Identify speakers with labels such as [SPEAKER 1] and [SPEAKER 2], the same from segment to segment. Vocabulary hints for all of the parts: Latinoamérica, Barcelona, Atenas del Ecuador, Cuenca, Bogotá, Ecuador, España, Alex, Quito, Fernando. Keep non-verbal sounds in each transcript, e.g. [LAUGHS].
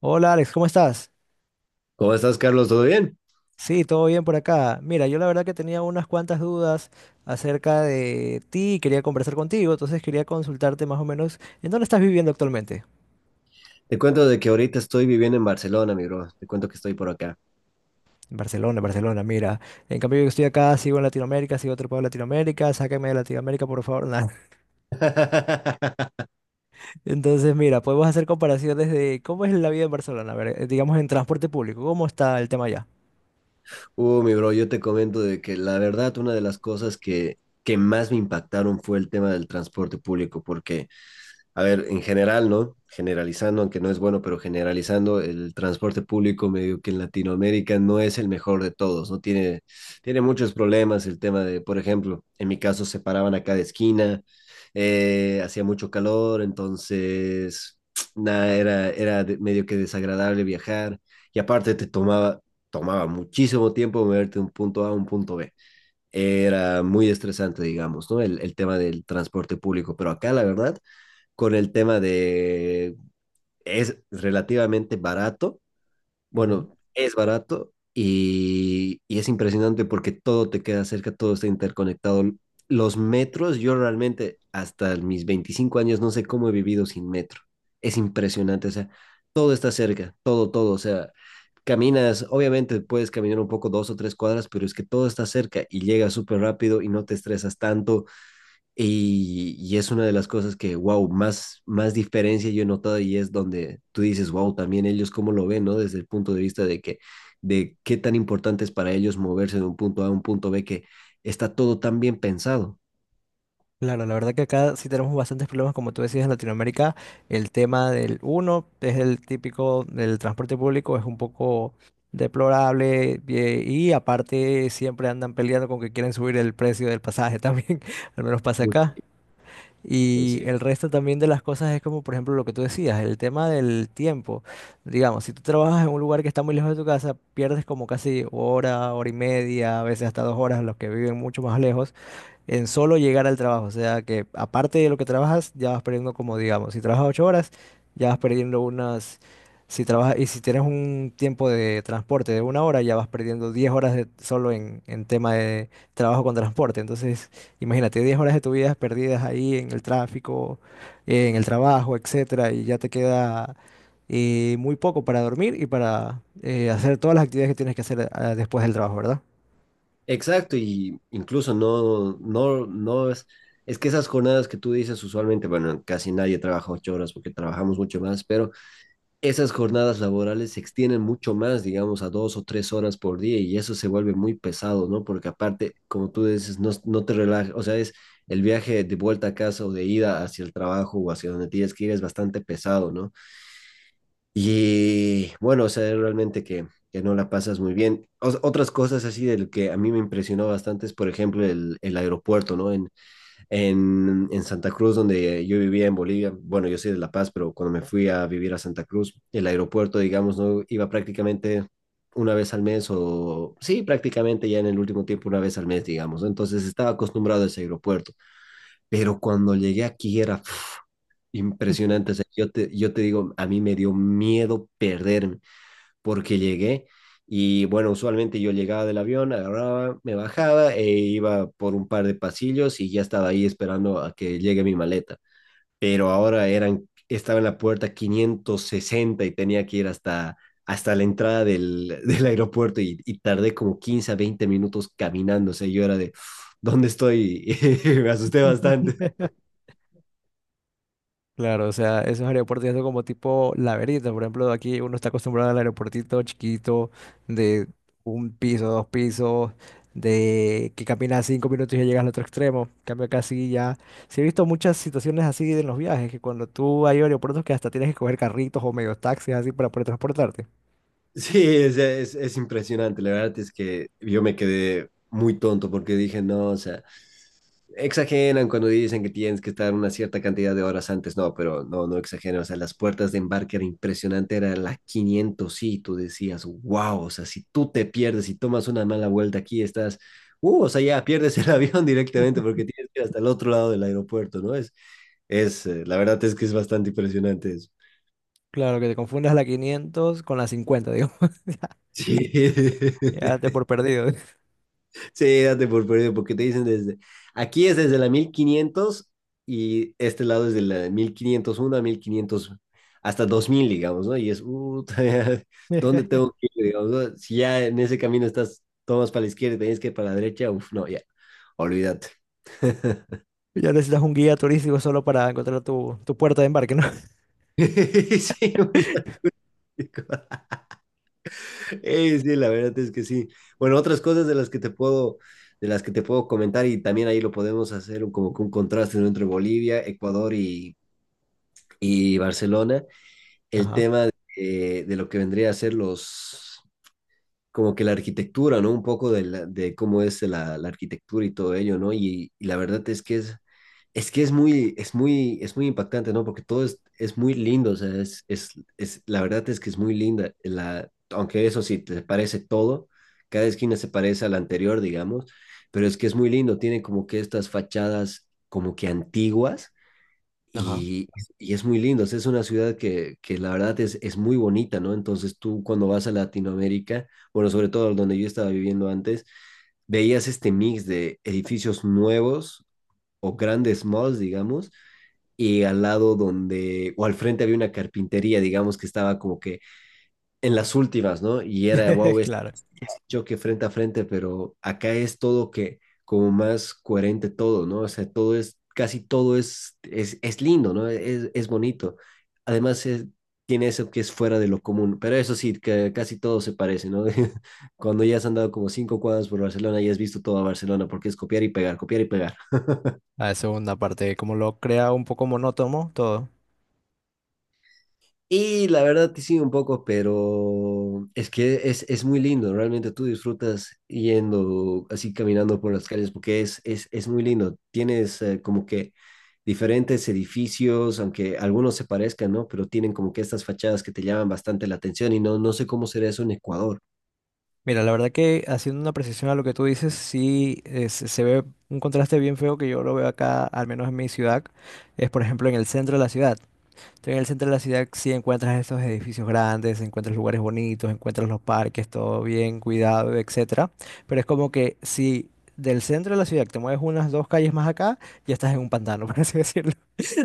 [SPEAKER 1] Hola Alex, ¿cómo estás?
[SPEAKER 2] ¿Cómo estás, Carlos? ¿Todo bien?
[SPEAKER 1] Sí, todo bien por acá. Mira, yo la verdad que tenía unas cuantas dudas acerca de ti, y quería conversar contigo, entonces quería consultarte más o menos en dónde estás viviendo actualmente.
[SPEAKER 2] Te cuento de que ahorita estoy viviendo en Barcelona, mi bro. Te cuento que estoy por acá.
[SPEAKER 1] En Barcelona, Barcelona, mira. En cambio yo estoy acá, sigo en Latinoamérica, sigo otro pueblo de Latinoamérica, sáqueme de Latinoamérica, por favor. Nah.
[SPEAKER 2] [LAUGHS]
[SPEAKER 1] [LAUGHS] Entonces, mira, podemos hacer comparaciones de cómo es la vida en Barcelona, a ver, digamos en transporte público, ¿cómo está el tema allá?
[SPEAKER 2] Mi bro, yo te comento de que la verdad, una de las cosas que más me impactaron fue el tema del transporte público, porque a ver, en general, ¿no? Generalizando, aunque no es bueno, pero generalizando, el transporte público medio que en Latinoamérica no es el mejor de todos, ¿no? Tiene muchos problemas el tema de, por ejemplo, en mi caso se paraban a cada esquina, hacía mucho calor, entonces, [TSK] nada, era medio que desagradable viajar y aparte te tomaba muchísimo tiempo moverte de un punto A a un punto B. Era muy estresante, digamos, ¿no? El tema del transporte público, pero acá la verdad con el tema de es relativamente barato, bueno, es barato y es impresionante porque todo te queda cerca, todo está interconectado. Los metros, yo realmente hasta mis 25 años no sé cómo he vivido sin metro. Es impresionante, o sea, todo está cerca, todo, todo, o sea, caminas, obviamente puedes caminar un poco 2 o 3 cuadras, pero es que todo está cerca y llegas súper rápido y no te estresas tanto y es una de las cosas que, wow, más diferencia yo he notado y es donde tú dices, wow, también ellos cómo lo ven, ¿no? Desde el punto de vista de que, de qué tan importante es para ellos moverse de un punto A a un punto B, que está todo tan bien pensado.
[SPEAKER 1] Claro, la verdad que acá sí tenemos bastantes problemas, como tú decías, en Latinoamérica. El tema del uno es el típico del transporte público, es un poco deplorable y aparte siempre andan peleando con que quieren subir el precio del pasaje también, [LAUGHS] al menos pasa
[SPEAKER 2] Mucho,
[SPEAKER 1] acá. Y
[SPEAKER 2] sí.
[SPEAKER 1] el resto también de las cosas es como, por ejemplo, lo que tú decías, el tema del tiempo. Digamos, si tú trabajas en un lugar que está muy lejos de tu casa, pierdes como casi hora, hora y media, a veces hasta 2 horas, los que viven mucho más lejos en solo llegar al trabajo. O sea que aparte de lo que trabajas, ya vas perdiendo como digamos, si trabajas 8 horas, ya vas perdiendo unas, si trabajas, y si tienes un tiempo de transporte de 1 hora, ya vas perdiendo 10 horas de, solo en, tema de trabajo con transporte. Entonces, imagínate, 10 horas de tu vida perdidas ahí en el tráfico, en el trabajo, etcétera, y ya te queda muy poco para dormir y para hacer todas las actividades que tienes que hacer después del trabajo, ¿verdad?
[SPEAKER 2] Exacto, y incluso no, no, no es que esas jornadas que tú dices usualmente, bueno, casi nadie trabaja 8 horas porque trabajamos mucho más, pero esas jornadas laborales se extienden mucho más, digamos, a 2 o 3 horas por día y eso se vuelve muy pesado, ¿no? Porque aparte, como tú dices, no, no te relajas, o sea, es el viaje de vuelta a casa o de ida hacia el trabajo o hacia donde tienes que ir es bastante pesado, ¿no? Y bueno, o sea, es realmente que no la pasas muy bien. Otras cosas así del que a mí me impresionó bastante es, por ejemplo, el aeropuerto, ¿no? En Santa Cruz, donde yo vivía en Bolivia, bueno, yo soy de La Paz, pero cuando me fui a vivir a Santa Cruz, el aeropuerto, digamos, no iba prácticamente una vez al mes o sí, prácticamente ya en el último tiempo una vez al mes, digamos. ¿No? Entonces estaba acostumbrado a ese aeropuerto, pero cuando llegué aquí era impresionante. O sea, yo te digo, a mí me dio miedo perderme porque llegué. Y bueno, usualmente yo llegaba del avión, agarraba, me bajaba e iba por un par de pasillos y ya estaba ahí esperando a que llegue mi maleta. Pero ahora estaba en la puerta 560 y tenía que ir hasta la entrada del, [LAUGHS] del aeropuerto y tardé como 15 a 20 minutos caminando. O sea, yo era de, "Uf, ¿dónde estoy?" [LAUGHS] Me asusté bastante.
[SPEAKER 1] [LAUGHS] Claro, o sea, esos aeropuertos ya son como tipo laberinto. Por ejemplo, aquí uno está acostumbrado al aeropuertito chiquito de un piso, dos pisos, de que caminas 5 minutos y ya llegas al otro extremo. En cambio acá sí ya. Sí he visto muchas situaciones así en los viajes, que cuando tú hay aeropuertos que hasta tienes que coger carritos o medios taxis así para poder transportarte.
[SPEAKER 2] Sí, es impresionante. La verdad es que yo me quedé muy tonto porque dije, no, o sea, exageran cuando dicen que tienes que estar una cierta cantidad de horas antes. No, pero no exageran. O sea, las puertas de embarque era impresionante, era la 500. Sí, tú decías, wow, o sea, si tú te pierdes y tomas una mala vuelta aquí, estás, o sea, ya pierdes el [LAUGHS] avión directamente porque tienes que ir hasta el otro lado del aeropuerto, ¿no? La verdad es que es bastante impresionante eso.
[SPEAKER 1] Claro, que te confundas la 500 con la 50, digo. [LAUGHS]
[SPEAKER 2] Sí. [LAUGHS]
[SPEAKER 1] Ya te por perdido.
[SPEAKER 2] Sí, date por perdido, porque te dicen aquí es desde la 1500 y este lado es de la 1501 a 1500 hasta 2000, digamos, ¿no? Y es, [LAUGHS] ¿dónde tengo
[SPEAKER 1] [LAUGHS]
[SPEAKER 2] que ir, digamos, no? Si ya en ese camino estás, tomas para la izquierda y tenés que ir para la derecha, uf, no, ya, olvídate. [LAUGHS]
[SPEAKER 1] Ya necesitas un guía turístico solo para encontrar tu puerta de embarque, ¿no?
[SPEAKER 2] Sí, muy lógico. Sí, la verdad es que sí. Bueno, otras cosas de las que te puedo, de las que te puedo comentar y también ahí lo podemos hacer como que un contraste, ¿no? Entre Bolivia, Ecuador y Barcelona, el
[SPEAKER 1] Ajá,
[SPEAKER 2] tema de lo que vendría a ser los, como que la arquitectura, ¿no? Un poco de de cómo es la, la arquitectura y todo ello, ¿no? Y la verdad es que es muy, es muy impactante, ¿no? Porque todo es, muy lindo, o sea, la verdad es que es muy linda, la, aunque eso sí, te parece todo, cada esquina se parece a la anterior, digamos, pero es que es muy lindo, tiene como que estas fachadas como que antiguas
[SPEAKER 1] ajá.
[SPEAKER 2] y, y es muy lindo, o sea, es una ciudad que la verdad es muy bonita, ¿no? Entonces tú cuando vas a Latinoamérica, bueno, sobre todo donde yo estaba viviendo antes, veías este mix de edificios nuevos o grandes malls, digamos, y al lado donde, o al frente había una carpintería, digamos, que estaba como que en las últimas, ¿no? Y era, wow,
[SPEAKER 1] [LAUGHS]
[SPEAKER 2] es
[SPEAKER 1] Claro.
[SPEAKER 2] choque frente a frente, pero acá es todo que como más coherente todo, ¿no? O sea, todo es, casi todo es lindo, ¿no? Es bonito. Además, tiene eso que es fuera de lo común, pero eso sí, que casi todo se parece, ¿no? [LAUGHS] Cuando ya has andado como 5 cuadras por Barcelona ya has visto toda Barcelona, porque es copiar y pegar, copiar y pegar.
[SPEAKER 1] A la segunda parte, como lo crea un poco monótono todo.
[SPEAKER 2] Y la verdad que sí, un poco, pero es que es muy lindo, realmente tú disfrutas yendo así caminando por las calles porque es muy lindo. Tienes como que diferentes edificios, aunque algunos se parezcan, ¿no? Pero tienen como que estas fachadas que te llaman bastante la atención y no, no sé cómo será eso en Ecuador.
[SPEAKER 1] Mira, la verdad que haciendo una precisión a lo que tú dices, sí se ve un contraste bien feo que yo lo veo acá, al menos en mi ciudad, es por ejemplo en el centro de la ciudad. Entonces, en el centro de la ciudad sí encuentras estos edificios grandes, encuentras lugares bonitos, encuentras los parques, todo bien cuidado, etcétera. Pero es como que si del centro de la ciudad te mueves unas dos calles más acá, ya estás en un pantano, [LAUGHS] por así decirlo.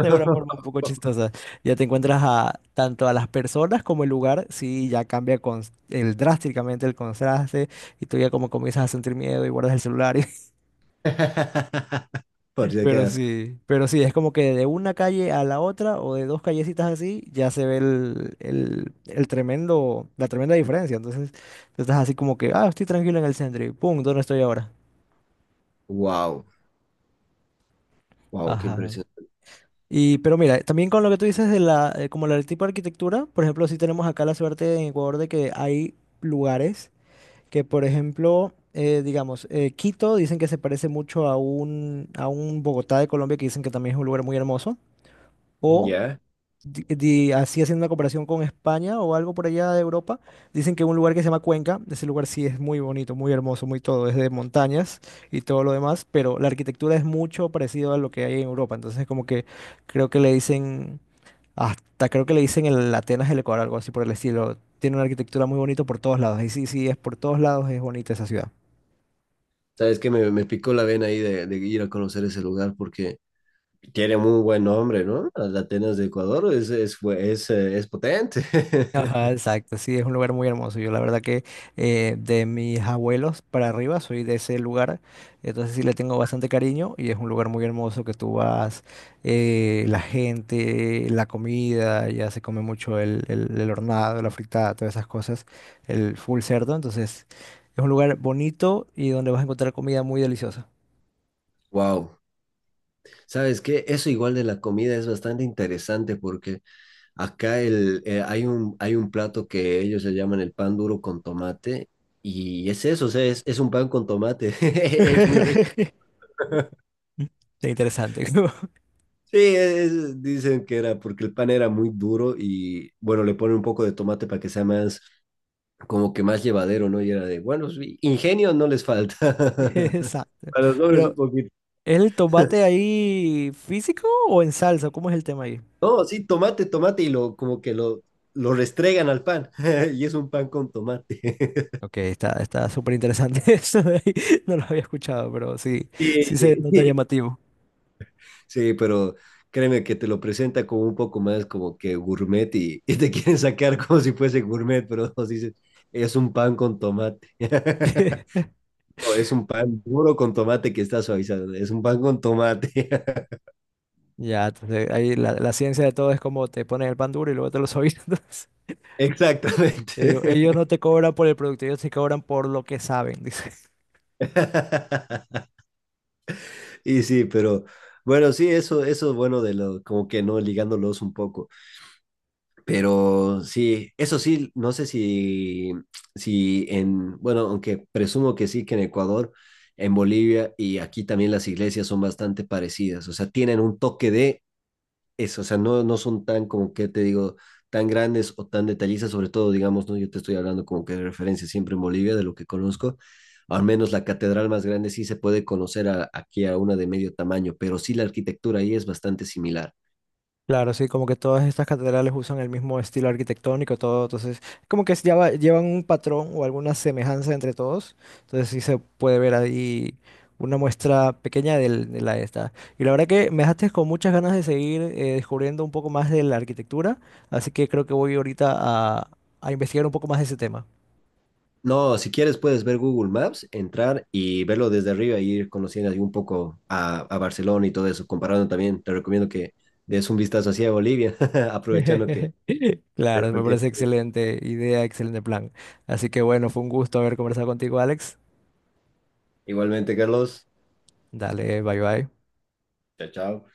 [SPEAKER 1] De una forma un poco chistosa. Ya te encuentras a tanto a las personas como el lugar, sí, ya cambia con el drásticamente el contraste y tú ya como comienzas a sentir miedo y guardas el celular.
[SPEAKER 2] [LAUGHS] Por
[SPEAKER 1] [LAUGHS]
[SPEAKER 2] si
[SPEAKER 1] Pero
[SPEAKER 2] acaso.
[SPEAKER 1] sí, pero sí, es como que de una calle a la otra o de dos callecitas así ya se ve el tremendo, la tremenda diferencia. Entonces, tú estás así como que, ah, estoy tranquilo en el centro y pum, ¿dónde estoy ahora?
[SPEAKER 2] Wow, wow, qué
[SPEAKER 1] Ajá.
[SPEAKER 2] impresión.
[SPEAKER 1] Y, pero mira, también con lo que tú dices de la, como el tipo de arquitectura, por ejemplo, sí tenemos acá la suerte en Ecuador de que hay lugares que, por ejemplo, digamos, Quito dicen que se parece mucho a un, Bogotá de Colombia, que dicen que también es un lugar muy hermoso, o
[SPEAKER 2] Ya.
[SPEAKER 1] así haciendo una comparación con España o algo por allá de Europa, dicen que un lugar que se llama Cuenca, ese lugar sí es muy bonito, muy hermoso, muy todo, es de montañas y todo lo demás, pero la arquitectura es mucho parecido a lo que hay en Europa, entonces como que creo que le dicen, hasta creo que le dicen el Atenas del Ecuador, algo así por el estilo, tiene una arquitectura muy bonita por todos lados, y sí, sí, es por todos lados, es bonita esa ciudad.
[SPEAKER 2] ¿Sabes que me picó la vena ahí de ir a conocer ese lugar porque tiene muy buen nombre, ¿no? Las Atenas de Ecuador es potente.
[SPEAKER 1] Ajá,
[SPEAKER 2] [LAUGHS]
[SPEAKER 1] exacto, sí, es un lugar muy hermoso. Yo la verdad que de mis abuelos para arriba soy de ese lugar, entonces sí le tengo bastante cariño y es un lugar muy hermoso que tú vas, la gente, la comida, ya se come mucho el, el hornado, la fritada, todas esas cosas, el full cerdo, entonces es un lugar bonito y donde vas a encontrar comida muy deliciosa.
[SPEAKER 2] Wow. ¿Sabes qué? Eso igual de la comida es bastante interesante porque acá hay un plato que ellos le llaman el pan duro con tomate y es eso, o sea, es un pan con tomate. [LAUGHS] Es muy rico.
[SPEAKER 1] [LAUGHS] Interesante.
[SPEAKER 2] Sí, es- dicen que era porque el pan era muy duro y bueno, le ponen un poco de tomate para que sea más, como que más llevadero, ¿no? Y era de, bueno, sí, ingenio no les falta.
[SPEAKER 1] [LAUGHS]
[SPEAKER 2] [LAUGHS]
[SPEAKER 1] Exacto.
[SPEAKER 2] A los hombres un
[SPEAKER 1] Pero
[SPEAKER 2] poquito.
[SPEAKER 1] ¿es el tomate ahí físico o en salsa? ¿Cómo es el tema ahí?
[SPEAKER 2] No, sí, tomate, tomate, y lo, como que lo restregan al pan. [LAUGHS] Y es un pan con tomate. [LAUGHS]
[SPEAKER 1] Ok, está, súper interesante [LAUGHS] eso de ahí. No lo había escuchado, pero sí,
[SPEAKER 2] Sí,
[SPEAKER 1] sí se nota
[SPEAKER 2] sí.
[SPEAKER 1] llamativo.
[SPEAKER 2] Sí, pero créeme que te lo presenta como un poco más como que gourmet y te quieren sacar como si fuese gourmet, pero nos dicen, es un pan con tomate. [LAUGHS]
[SPEAKER 1] [LAUGHS]
[SPEAKER 2] No, es un pan duro con tomate que está suavizado. Es un pan con tomate. [LAUGHS]
[SPEAKER 1] Ya, entonces ahí la ciencia de todo es como te ponen el pan duro y luego te lo suavisan. [LAUGHS] Entonces, yo digo, ellos
[SPEAKER 2] Exactamente.
[SPEAKER 1] no te cobran por el producto, ellos te cobran por lo que saben, dice.
[SPEAKER 2] [LAUGHS] Y sí, pero bueno, sí, eso es bueno de lo, como que no ligándolos un poco. Pero sí, eso sí, no sé si en, bueno, aunque presumo que sí, que en Ecuador, en Bolivia y aquí también las iglesias son bastante parecidas. O sea, tienen un toque de eso, o sea, no son tan, como que te digo, tan grandes o tan detallistas, sobre todo, digamos, ¿no? Yo te estoy hablando como que de referencia siempre en Bolivia, de lo que conozco, al menos la catedral más grande sí se puede conocer aquí a una de medio tamaño, pero sí la arquitectura ahí es bastante similar.
[SPEAKER 1] Claro, sí, como que todas estas catedrales usan el mismo estilo arquitectónico, todo, entonces, como que llevan un patrón o alguna semejanza entre todos, entonces sí se puede ver ahí una muestra pequeña de la esta. Y la verdad que me dejaste con muchas ganas de seguir descubriendo un poco más de la arquitectura, así que creo que voy ahorita a, a, investigar un poco más de ese tema.
[SPEAKER 2] No, si quieres puedes ver Google Maps, entrar y verlo desde arriba y ir conociendo ahí un poco a Barcelona y todo eso, comparando también, te recomiendo que des un vistazo hacia Bolivia, [LAUGHS] aprovechando que
[SPEAKER 1] [LAUGHS] Claro, me
[SPEAKER 2] el tiempo.
[SPEAKER 1] parece excelente idea, excelente plan. Así que bueno, fue un gusto haber conversado contigo, Alex.
[SPEAKER 2] Igualmente, Carlos,
[SPEAKER 1] Dale, bye bye.
[SPEAKER 2] chao, chao.